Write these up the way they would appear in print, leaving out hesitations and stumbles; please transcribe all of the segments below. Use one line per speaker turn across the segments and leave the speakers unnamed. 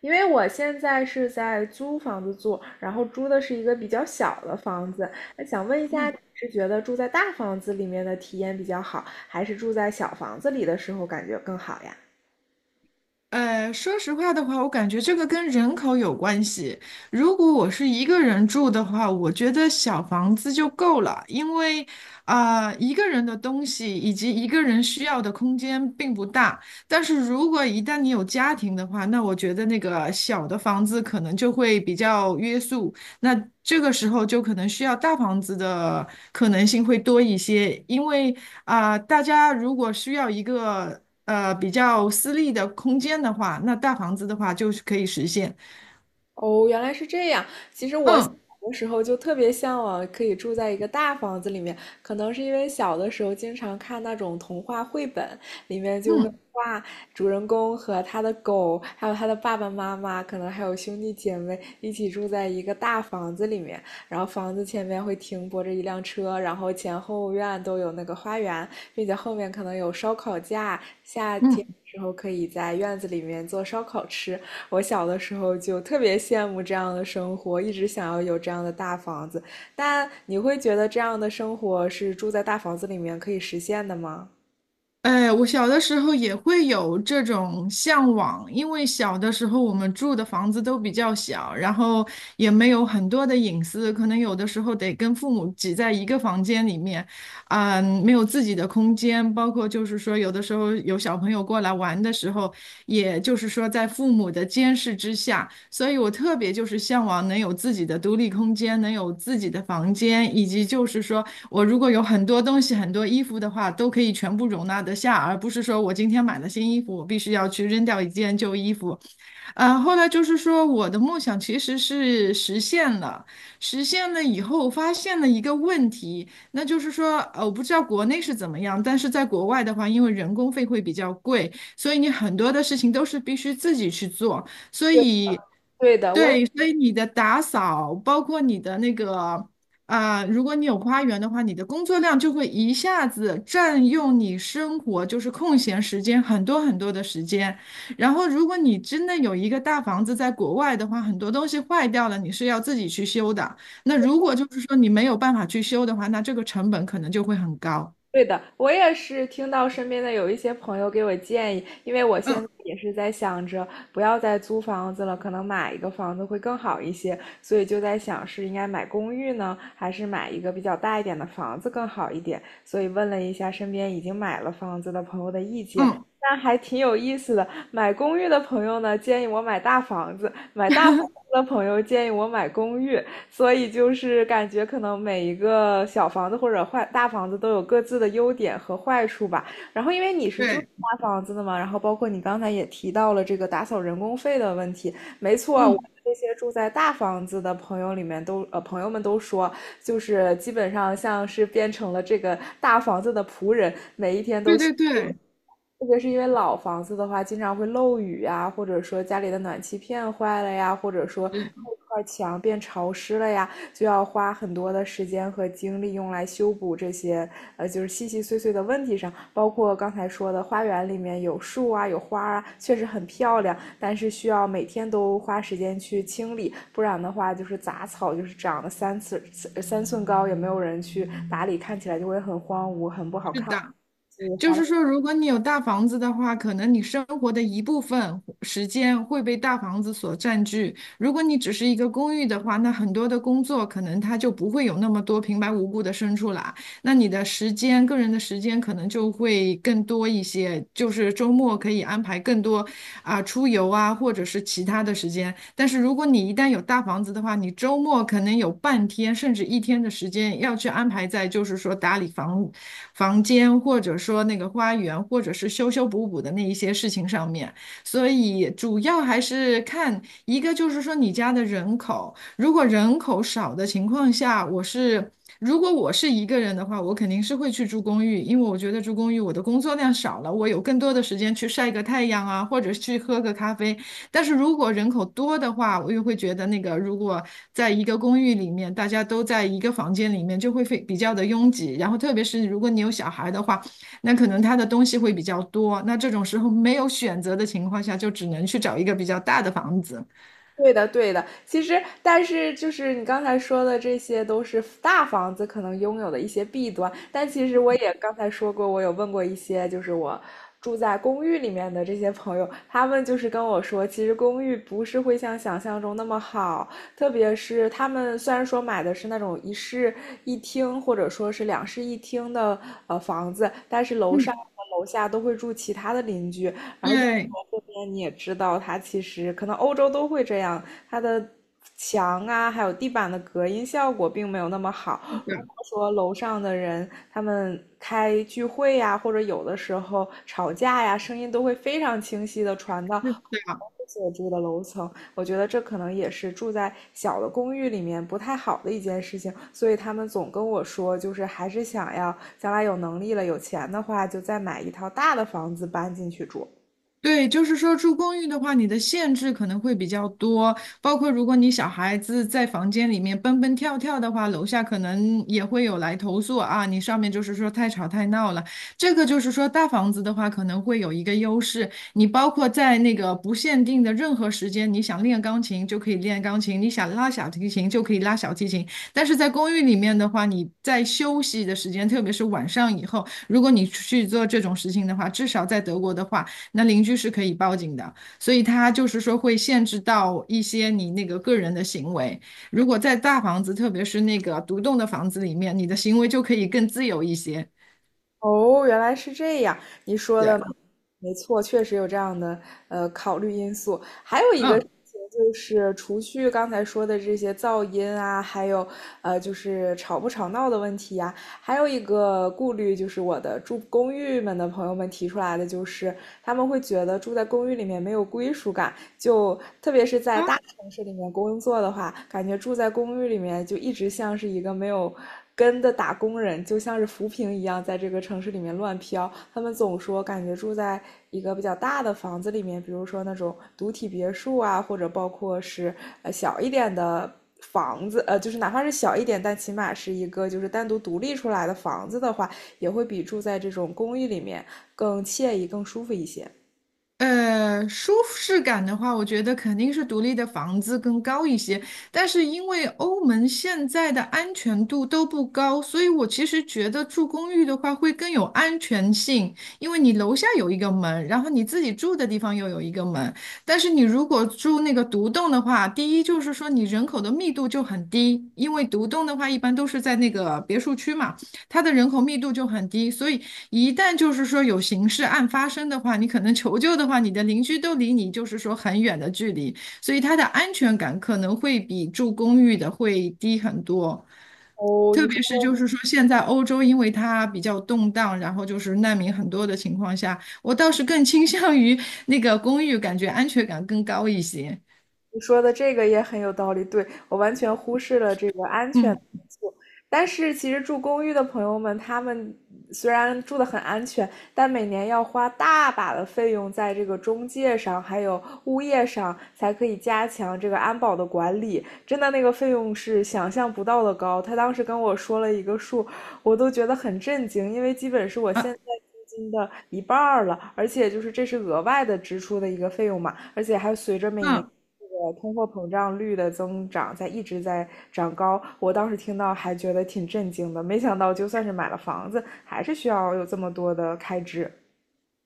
因为我现在是在租房子住，然后租的是一个比较小的房子。那想问一下，你
嗯，
是觉得住在大房子里面的体验比较好，还是住在小房子里的时候感觉更好呀？
说实话的话，我感觉这个跟人口有关系。如果我是一个人住的话，我觉得小房子就够了，因为一个人的东西以及一个人需要的空间并不大。但是如果一旦你有家庭的话，那我觉得那个小的房子可能就会比较约束。那这个时候就可能需要大房子的可能性会多一些，因为大家如果需要一个比较私密的空间的话，那大房子的话就是可以实现。
哦，原来是这样。其实我小
嗯
的时候就特别向往可以住在一个大房子里面，可能是因为小的时候经常看那种童话绘本，里面就会
嗯
画主人公和他的狗，还有他的爸爸妈妈，可能还有兄弟姐妹一起住在一个大房子里面，然后房子前面会停泊着一辆车，然后前后院都有那个花园，并且后面可能有烧烤架，夏天。
嗯。
时候可以在院子里面做烧烤吃，我小的时候就特别羡慕这样的生活，一直想要有这样的大房子。但你会觉得这样的生活是住在大房子里面可以实现的吗？
哎，我小的时候也会有这种向往，因为小的时候我们住的房子都比较小，然后也没有很多的隐私，可能有的时候得跟父母挤在一个房间里面，嗯，没有自己的空间，包括就是说有的时候有小朋友过来玩的时候，也就是说在父母的监视之下。所以我特别就是向往能有自己的独立空间，能有自己的房间，以及就是说我如果有很多东西、很多衣服的话，都可以全部容纳得下，而不是说我今天买了新衣服，我必须要去扔掉一件旧衣服，啊，后来就是说，我的梦想其实是实现了，实现了以后，发现了一个问题，那就是说，我不知道国内是怎么样，但是在国外的话，因为人工费会比较贵，所以你很多的事情都是必须自己去做，所
对，
以，
对的，我也
对，所以你的打扫，包括你的那个。如果你有花园的话，你的工作量就会一下子占用你生活，就是空闲时间很多很多的时间。然后，如果你真的有一个大房子在国外的话，很多东西坏掉了，你是要自己去修的。那如果就是说你没有办法去修的话，那这个成本可能就会很高。
对的，我也是听到身边的有一些朋友给我建议，因为我现
嗯
在也是在想着不要再租房子了，可能买一个房子会更好一些，所以就在想是应该买公寓呢，还是买一个比较大一点的房子更好一点，所以问了一下身边已经买了房子的朋友的意见。
嗯，
那还挺有意思的。买公寓的朋友呢，建议我买大房子；买大房子的朋友建议我买公寓。所以就是感觉可能每一个小房子或者坏大房子都有各自的优点和坏处吧。然后因为你是住
对，
大房子的嘛，然后包括你刚才也提到了这个打扫人工费的问题，没错，我们
嗯，
这些住在大房子的朋友里面朋友们都说，就是基本上像是变成了这个大房子的仆人，
对对对，
特别是因为老房子的话，经常会漏雨啊，或者说家里的暖气片坏了呀，或者说后
是
块墙变潮湿了呀，就要花很多的时间和精力用来修补这些就是细细碎碎的问题上。包括刚才说的花园里面有树啊，有花啊，确实很漂亮，但是需要每天都花时间去清理，不然的话就是杂草就是长了三寸高，也没有人去打理，看起来就会很荒芜，很不好
是
看。
的，
所以
就
花
是
了。
说，如果你有大房子的话，可能你生活的一部分时间会被大房子所占据。如果你只是一个公寓的话，那很多的工作可能它就不会有那么多平白无故的生出来。那你的时间，个人的时间可能就会更多一些，就是周末可以安排更多出游啊，或者是其他的时间。但是如果你一旦有大房子的话，你周末可能有半天甚至一天的时间要去安排在，就是说打理房间，或者说那个花园，或者是修修补补的那一些事情上面。所以主要还是看一个，就是说你家的人口。如果人口少的情况下，如果我是一个人的话，我肯定是会去住公寓，因为我觉得住公寓我的工作量少了，我有更多的时间去晒个太阳啊，或者去喝个咖啡。但是如果人口多的话，我又会觉得那个如果在一个公寓里面，大家都在一个房间里面，就会非比较的拥挤。然后特别是如果你有小孩的话，那可能他的东西会比较多。那这种时候没有选择的情况下，就只能去找一个比较大的房子。
对的，对的。其实，但是就是你刚才说的，这些都是大房子可能拥有的一些弊端。但其实我也刚才说过，我有问过一些，就是我住在公寓里面的这些朋友，他们就是跟我说，其实公寓不是会像想象中那么好，特别是他们虽然说买的是那种一室一厅或者说是两室一厅的房子，但是楼上。
嗯，
和楼下都会住其他的邻居，然后英国
对。
这边你也知道，它其实可能欧洲都会这样，它的墙啊，还有地板的隔音效果并没有那么好。
是
如
的
果说楼上的人他们开聚会呀，或者有的时候吵架呀，声音都会非常清晰的传到
是的，
所住的楼层。我觉得这可能也是住在小的公寓里面不太好的一件事情，所以他们总跟我说，就是还是想要将来有能力了、有钱的话，就再买一套大的房子搬进去住。
对，就是说住公寓的话，你的限制可能会比较多，包括如果你小孩子在房间里面蹦蹦跳跳的话，楼下可能也会有来投诉啊，你上面就是说太吵太闹了。这个就是说大房子的话，可能会有一个优势，你包括在那个不限定的任何时间，你想练钢琴就可以练钢琴，你想拉小提琴就可以拉小提琴。但是在公寓里面的话，你在休息的时间，特别是晚上以后，如果你去做这种事情的话，至少在德国的话。那邻居是可以报警的，所以它就是说会限制到一些你那个个人的行为。如果在大房子，特别是那个独栋的房子里面，你的行为就可以更自由一些。
哦，原来是这样，你说
对，
的没错，确实有这样的考虑因素。还有一个事
嗯，
情就是，除去刚才说的这些噪音啊，还有就是吵不吵闹的问题呀、还有一个顾虑就是我的住公寓们的朋友们提出来的，就是他们会觉得住在公寓里面没有归属感，就特别是在
啊，
大城市里面工作的话，感觉住在公寓里面就一直像是一个没有。根的打工人就像是浮萍一样，在这个城市里面乱飘。他们总说，感觉住在一个比较大的房子里面，比如说那种独体别墅啊，或者包括是小一点的房子，就是哪怕是小一点，但起码是一个就是单独独立出来的房子的话，也会比住在这种公寓里面更惬意、更舒服一些。
舒适感的话，我觉得肯定是独立的房子更高一些。但是因为欧盟现在的安全度都不高，所以我其实觉得住公寓的话会更有安全性，因为你楼下有一个门，然后你自己住的地方又有一个门。但是你如果住那个独栋的话，第一就是说你人口的密度就很低，因为独栋的话一般都是在那个别墅区嘛。它的人口密度就很低，所以一旦就是说有刑事案发生的话，你可能求救的话，你的邻居都离你就是说很远的距离，所以它的安全感可能会比住公寓的会低很多。
哦，
特
你
别是就
说。
是说现在欧洲因为它比较动荡，然后就是难民很多的情况下，我倒是更倾向于那个公寓，感觉安全感更高一些。
你说的这个也很有道理，对，我完全忽视了这个安全的因
嗯
素。但是其实住公寓的朋友们，他们虽然住的很安全，但每年要花大把的费用在这个中介上，还有物业上，才可以加强这个安保的管理。真的那个费用是想象不到的高。他当时跟我说了一个数，我都觉得很震惊，因为基本是我现
啊
在。租金的一半儿了，而且就是这是额外的支出的一个费用嘛，而且还随着每年
嗯。
这个通货膨胀率的增长在一直在长高。我当时听到还觉得挺震惊的，没想到就算是买了房子，还是需要有这么多的开支。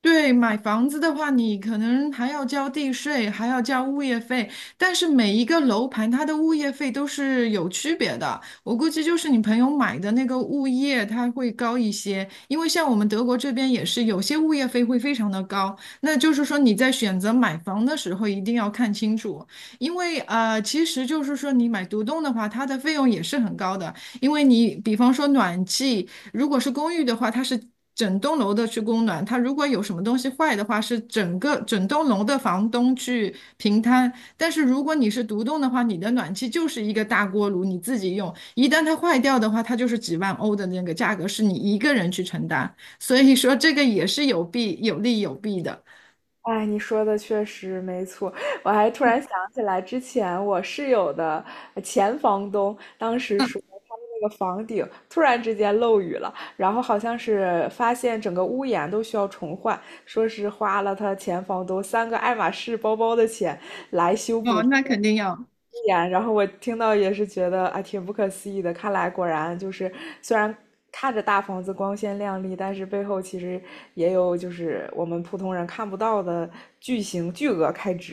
对，买房子的话，你可能还要交地税，还要交物业费，但是每一个楼盘它的物业费都是有区别的。我估计就是你朋友买的那个物业，它会高一些，因为像我们德国这边也是有些物业费会非常的高。那就是说你在选择买房的时候一定要看清楚，因为其实就是说你买独栋的话，它的费用也是很高的，因为你比方说暖气。如果是公寓的话，它是整栋楼的去供暖；它如果有什么东西坏的话，是整个整栋楼的房东去平摊。但是如果你是独栋的话，你的暖气就是一个大锅炉，你自己用。一旦它坏掉的话，它就是几万欧的那个价格，是你一个人去承担。所以说这个也是有弊的。
哎，你说的确实没错。我还突然想起来，之前我室友的前房东当时说，他们那个房顶突然之间漏雨了，然后好像是发现整个屋檐都需要重换，说是花了他前房东三个爱马仕包包的钱，
哦，那肯定要。
然后我听到也是觉得啊，挺不可思议的。看来果然就是，虽然看着大房子光鲜亮丽，但是背后其实也有就是我们普通人看不到的巨额开支。